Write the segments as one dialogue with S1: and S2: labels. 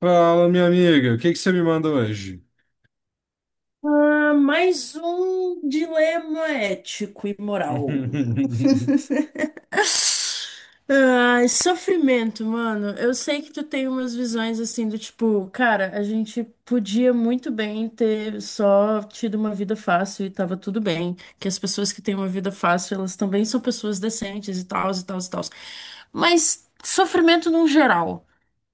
S1: Fala, minha amiga, o que que você me manda hoje?
S2: Ah, mais um dilema ético e moral. Ai, sofrimento, mano. Eu sei que tu tem umas visões assim do tipo, cara, a gente podia muito bem ter só tido uma vida fácil e tava tudo bem. Que as pessoas que têm uma vida fácil, elas também são pessoas decentes e tal, e tal, e tal. Mas sofrimento num geral.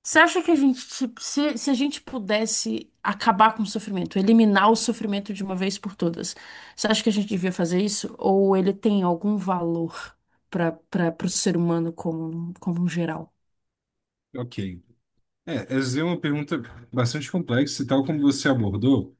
S2: Você acha que a gente, tipo, se a gente pudesse acabar com o sofrimento, eliminar o sofrimento de uma vez por todas, você acha que a gente devia fazer isso? Ou ele tem algum valor para o ser humano como, como um geral?
S1: Ok. É, essa é uma pergunta bastante complexa e tal como você abordou.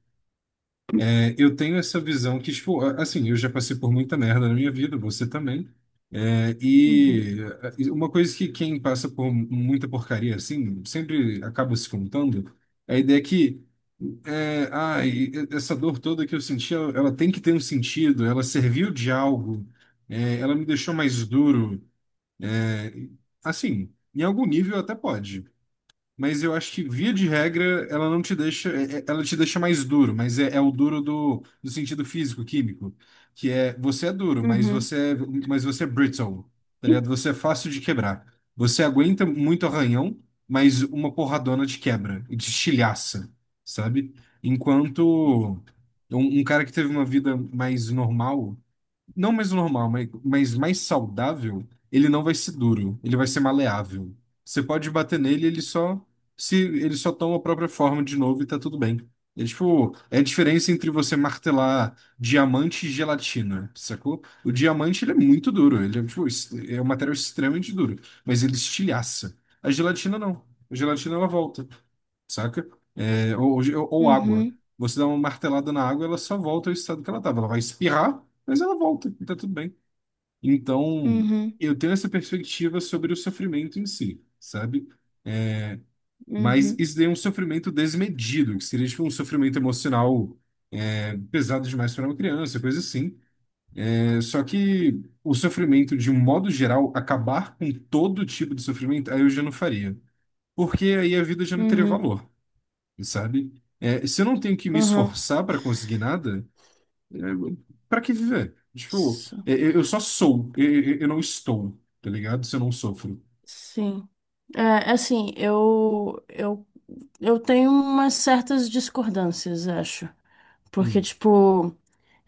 S1: É, eu tenho essa visão que, tipo, assim, eu já passei por muita merda na minha vida, você também. É,
S2: Uhum,
S1: e e uma coisa que quem passa por muita porcaria, assim, sempre acaba se contando, é a ideia que, é, ai, essa dor toda que eu senti, ela tem que ter um sentido, ela serviu de algo, é, ela me deixou mais duro. É, assim, em algum nível até pode, mas eu acho que via de regra ela não te deixa, ela te deixa mais duro, mas é, é o duro do, do sentido físico-químico, que é você é duro, mas
S2: uhum,
S1: você é brittle, tá ligado? Você é fácil de quebrar. Você aguenta muito arranhão, mas uma porradona te quebra e te estilhaça, sabe? Enquanto um cara que teve uma vida mais normal, não mais normal, mas mais saudável, ele não vai ser duro, ele vai ser maleável. Você pode bater nele, ele só se ele só toma a própria forma de novo e tá tudo bem. É tipo, é a diferença entre você martelar diamante e gelatina, sacou? O diamante ele é muito duro, ele é tipo, é um material extremamente duro, mas ele estilhaça. A gelatina não. A gelatina ela volta, saca? É, ou água.
S2: uhum,
S1: Você dá uma martelada na água, ela só volta ao estado que ela estava. Ela vai espirrar, mas ela volta, e tá tudo bem. Então,
S2: uhum,
S1: eu tenho essa perspectiva sobre o sofrimento em si, sabe? É, mas
S2: uhum,
S1: isso daí é um sofrimento desmedido, que seria tipo um sofrimento emocional, pesado demais para uma criança, coisa assim. É, só que o sofrimento, de um modo geral, acabar com todo tipo de sofrimento, aí eu já não faria. Porque aí a vida já não teria
S2: uhum,
S1: valor, sabe? É, se eu não tenho que me
S2: uhum.
S1: esforçar para conseguir nada, é, para que viver? Tipo,
S2: S-
S1: eu só sou, eu não estou, tá ligado? Se eu não sofro.
S2: Sim. É, é assim, eu tenho umas certas discordâncias, acho. Porque,
S1: Hum,
S2: tipo.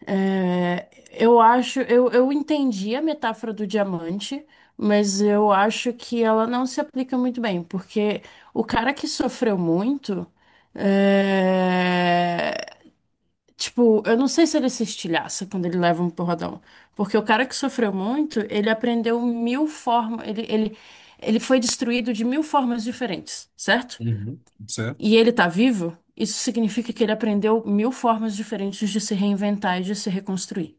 S2: É, eu acho, eu entendi a metáfora do diamante, mas eu acho que ela não se aplica muito bem, porque o cara que sofreu muito, é, tipo, eu não sei se ele se estilhaça quando ele leva um porradão, porque o cara que sofreu muito, ele aprendeu mil formas, ele foi destruído de mil formas diferentes, certo?
S1: uhum, certo?
S2: E ele tá vivo, isso significa que ele aprendeu mil formas diferentes de se reinventar e de se reconstruir.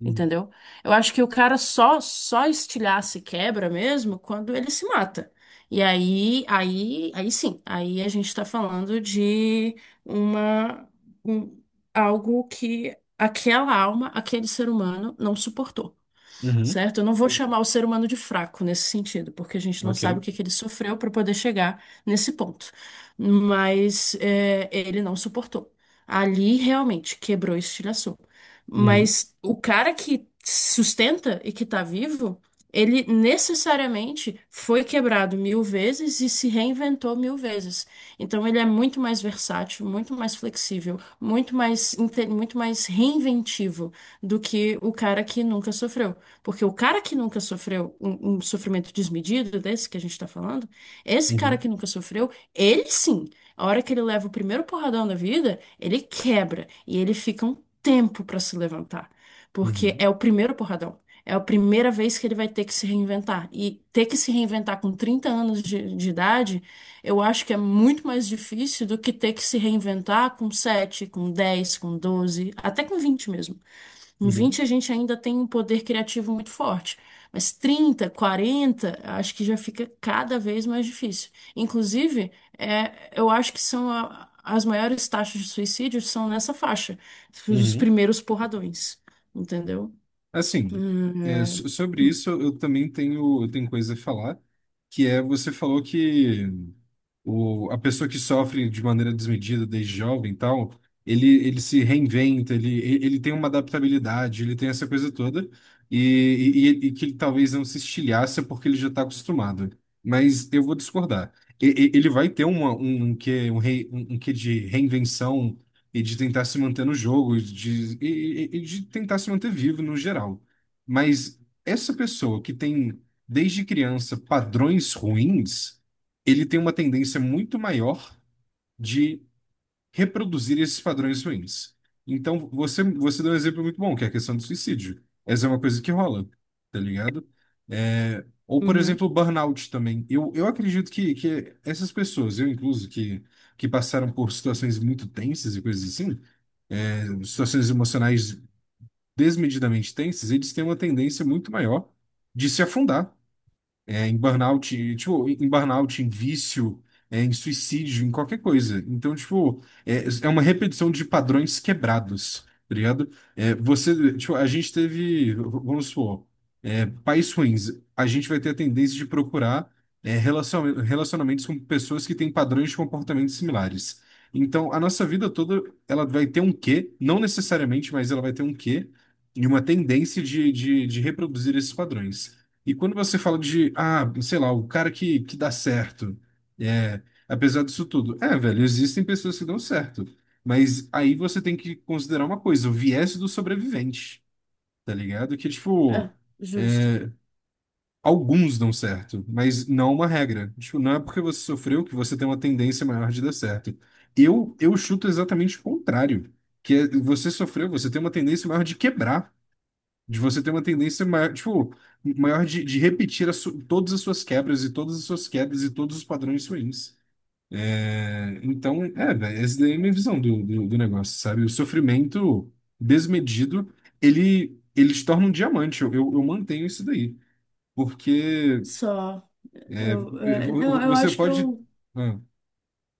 S1: Uhum,
S2: Entendeu? Eu acho que o cara só estilhaça e quebra mesmo quando ele se mata. E aí sim, aí a gente tá falando de uma um- algo que aquela alma, aquele ser humano não suportou,
S1: uhum,
S2: certo? Eu não vou chamar o ser humano de fraco nesse sentido, porque a gente não sabe
S1: ok.
S2: o que que ele sofreu para poder chegar nesse ponto. Mas é, ele não suportou. Ali realmente quebrou e estilhaçou.
S1: Uhum,
S2: Mas o cara que sustenta e que tá vivo, ele necessariamente foi quebrado mil vezes e se reinventou mil vezes. Então ele é muito mais versátil, muito mais flexível, muito mais, muito mais reinventivo do que o cara que nunca sofreu. Porque o cara que nunca sofreu um sofrimento desmedido desse que a gente está falando, esse cara
S1: uhum,
S2: que nunca sofreu, ele sim, a hora que ele leva o primeiro porradão da vida, ele quebra e ele fica um tempo para se levantar, porque é
S1: uhum,
S2: o primeiro porradão. É a primeira vez que ele vai ter que se reinventar. E ter que se reinventar com 30 anos de idade, eu acho que é muito mais difícil do que ter que se reinventar com sete, com dez, com doze, até com 20 mesmo. Com
S1: uhum,
S2: 20 a gente ainda tem um poder criativo muito forte, mas trinta, quarenta, acho que já fica cada vez mais difícil. Inclusive, é, eu acho que são as maiores taxas de suicídio são nessa faixa, os
S1: uhum.
S2: primeiros porradões, entendeu?
S1: Assim, é,
S2: É.
S1: sobre isso eu também tenho, eu tenho coisa a falar, que é, você falou que o, a pessoa que sofre de maneira desmedida desde jovem e tal, ele se reinventa, ele tem uma adaptabilidade, ele tem essa coisa toda, e, que ele talvez não se estilhaça porque ele já está acostumado. Mas eu vou discordar. Ele vai ter uma, um quê, um, um, um quê de reinvenção e de tentar se manter no jogo, e de, e de tentar se manter vivo no geral. Mas essa pessoa que tem, desde criança, padrões ruins, ele tem uma tendência muito maior de reproduzir esses padrões ruins. Então, você deu um exemplo muito bom, que é a questão do suicídio. Essa é uma coisa que rola, tá ligado? É, ou, por
S2: Uhum.
S1: exemplo, o burnout também. Eu acredito que essas pessoas, eu incluso, que passaram por situações muito tensas e coisas assim, situações emocionais desmedidamente tensas, eles têm uma tendência muito maior de se afundar, é, em burnout, tipo, em burnout, em vício, é, em suicídio, em qualquer coisa. Então, tipo, é, é uma repetição de padrões quebrados, tá ligado? É, você, tipo, a gente teve, vamos supor, é, pais ruins, a gente vai ter a tendência de procurar, é, relacionamentos com pessoas que têm padrões de comportamento similares. Então, a nossa vida toda, ela vai ter um quê, não necessariamente, mas ela vai ter um quê, e uma tendência de reproduzir esses padrões. E quando você fala de, ah, sei lá, o cara que dá certo, é, apesar disso tudo, é, velho, existem pessoas que dão certo, mas aí você tem que considerar uma coisa, o viés do sobrevivente, tá ligado? Que, tipo,
S2: É, justo.
S1: alguns dão certo, mas não é uma regra. Tipo, não é porque você sofreu que você tem uma tendência maior de dar certo. Eu chuto exatamente o contrário, que é, você sofreu, você tem uma tendência maior de quebrar. De você ter uma tendência maior, tipo, maior de repetir todas as suas quebras e todas as suas quedas e todos os padrões ruins. É, então, é, velho, essa daí é a minha visão do, do, do negócio, sabe? O sofrimento desmedido, ele te torna um diamante. Eu mantenho isso daí. Porque
S2: Só,
S1: é, é,
S2: eu, é, não, eu
S1: você
S2: acho que
S1: pode.
S2: eu.
S1: Ah,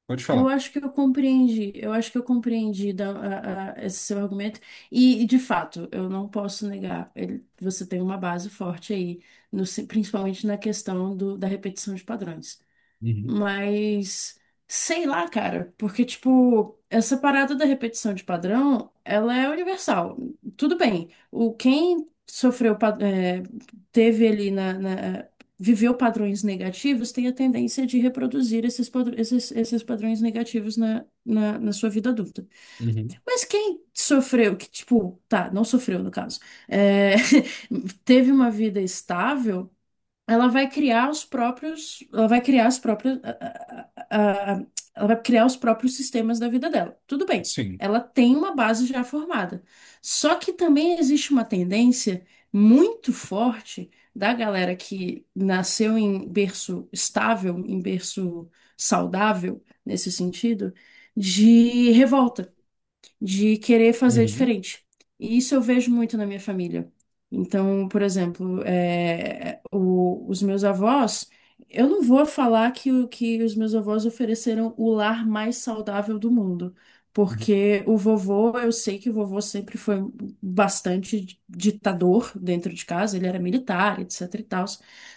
S1: pode
S2: Eu
S1: falar.
S2: acho que eu compreendi, eu acho que eu compreendi esse seu argumento. E, de fato, eu não posso negar, você tem uma base forte aí, no principalmente na questão da repetição de padrões.
S1: Uhum,
S2: Mas sei lá, cara, porque tipo, essa parada da repetição de padrão, ela é universal. Tudo bem. O quem sofreu, é, teve ali na, viveu padrões negativos, tem a tendência de reproduzir esses padrões negativos na, na sua vida adulta.
S1: uhum,
S2: Mas quem sofreu, que tipo, tá, não sofreu no caso, é, teve uma vida estável, ela vai criar os próprios, ela vai criar as próprias, ela vai criar os próprios sistemas da vida dela. Tudo bem,
S1: sim.
S2: ela tem uma base já formada. Só que também existe uma tendência muito forte da galera que nasceu em berço estável, em berço saudável, nesse sentido, de revolta, de querer fazer
S1: Uhum,
S2: diferente. E isso eu vejo muito na minha família. Então, por exemplo, é, os meus avós, eu não vou falar que, que os meus avós ofereceram o lar mais saudável do mundo,
S1: uhum,
S2: porque o vovô, eu sei que o vovô sempre foi bastante ditador dentro de casa, ele era militar, etc e tal,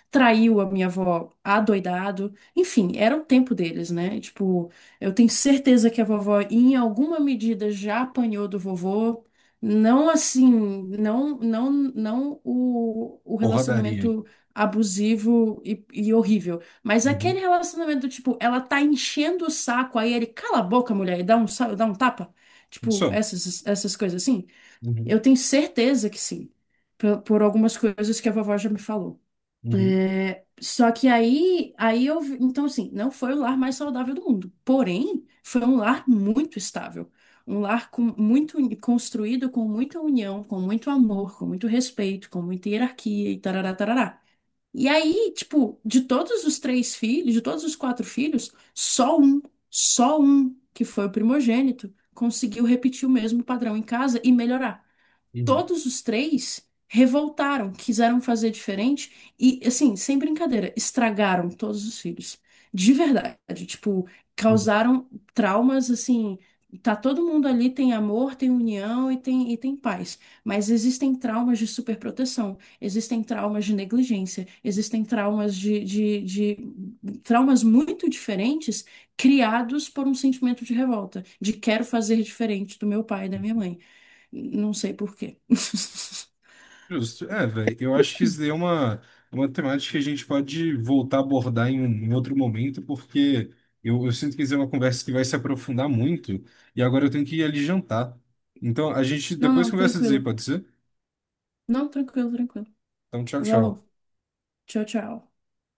S2: traiu a minha avó adoidado, enfim, era o tempo deles, né? Tipo, eu tenho certeza que a vovó, em alguma medida, já apanhou do vovô. Não assim, não, não, não o, o
S1: porradaria.
S2: relacionamento abusivo e horrível, mas aquele
S1: Uhum,
S2: relacionamento do tipo, ela tá enchendo o saco, aí ele cala a boca, mulher, e dá um tapa. Tipo,
S1: só.
S2: essas coisas assim.
S1: Uhum,
S2: Eu tenho certeza que sim, por algumas coisas que a vovó já me falou.
S1: uhum,
S2: Só que aí, aí eu, então assim, não foi o lar mais saudável do mundo. Porém, foi um lar muito estável, um lar com muito construído com muita união, com muito amor, com muito respeito, com muita hierarquia e tarará, tarará. E aí, tipo, de todos os três filhos, de todos os quatro filhos, só um, que foi o primogênito, conseguiu repetir o mesmo padrão em casa e melhorar.
S1: uhum,
S2: Todos os três revoltaram, quiseram fazer diferente e, assim, sem brincadeira, estragaram todos os filhos. De verdade, tipo,
S1: uhum.
S2: causaram traumas assim. Tá todo mundo ali, tem amor, tem união e tem paz. Mas existem traumas de superproteção, existem traumas de negligência, existem traumas de traumas muito diferentes criados por um sentimento de revolta, de quero fazer diferente do meu pai e da minha mãe. Não sei por quê.
S1: Justo. É, velho, eu acho que isso daí é uma temática que a gente pode voltar a abordar em, um, em outro momento, porque eu sinto que isso é uma conversa que vai se aprofundar muito, e agora eu tenho que ir ali jantar. Então, a gente
S2: Não,
S1: depois
S2: não,
S1: conversa disso aí,
S2: tranquilo.
S1: pode ser?
S2: Não, tranquilo, tranquilo.
S1: Então, tchau,
S2: Valeu.
S1: tchau.
S2: Tchau, tchau.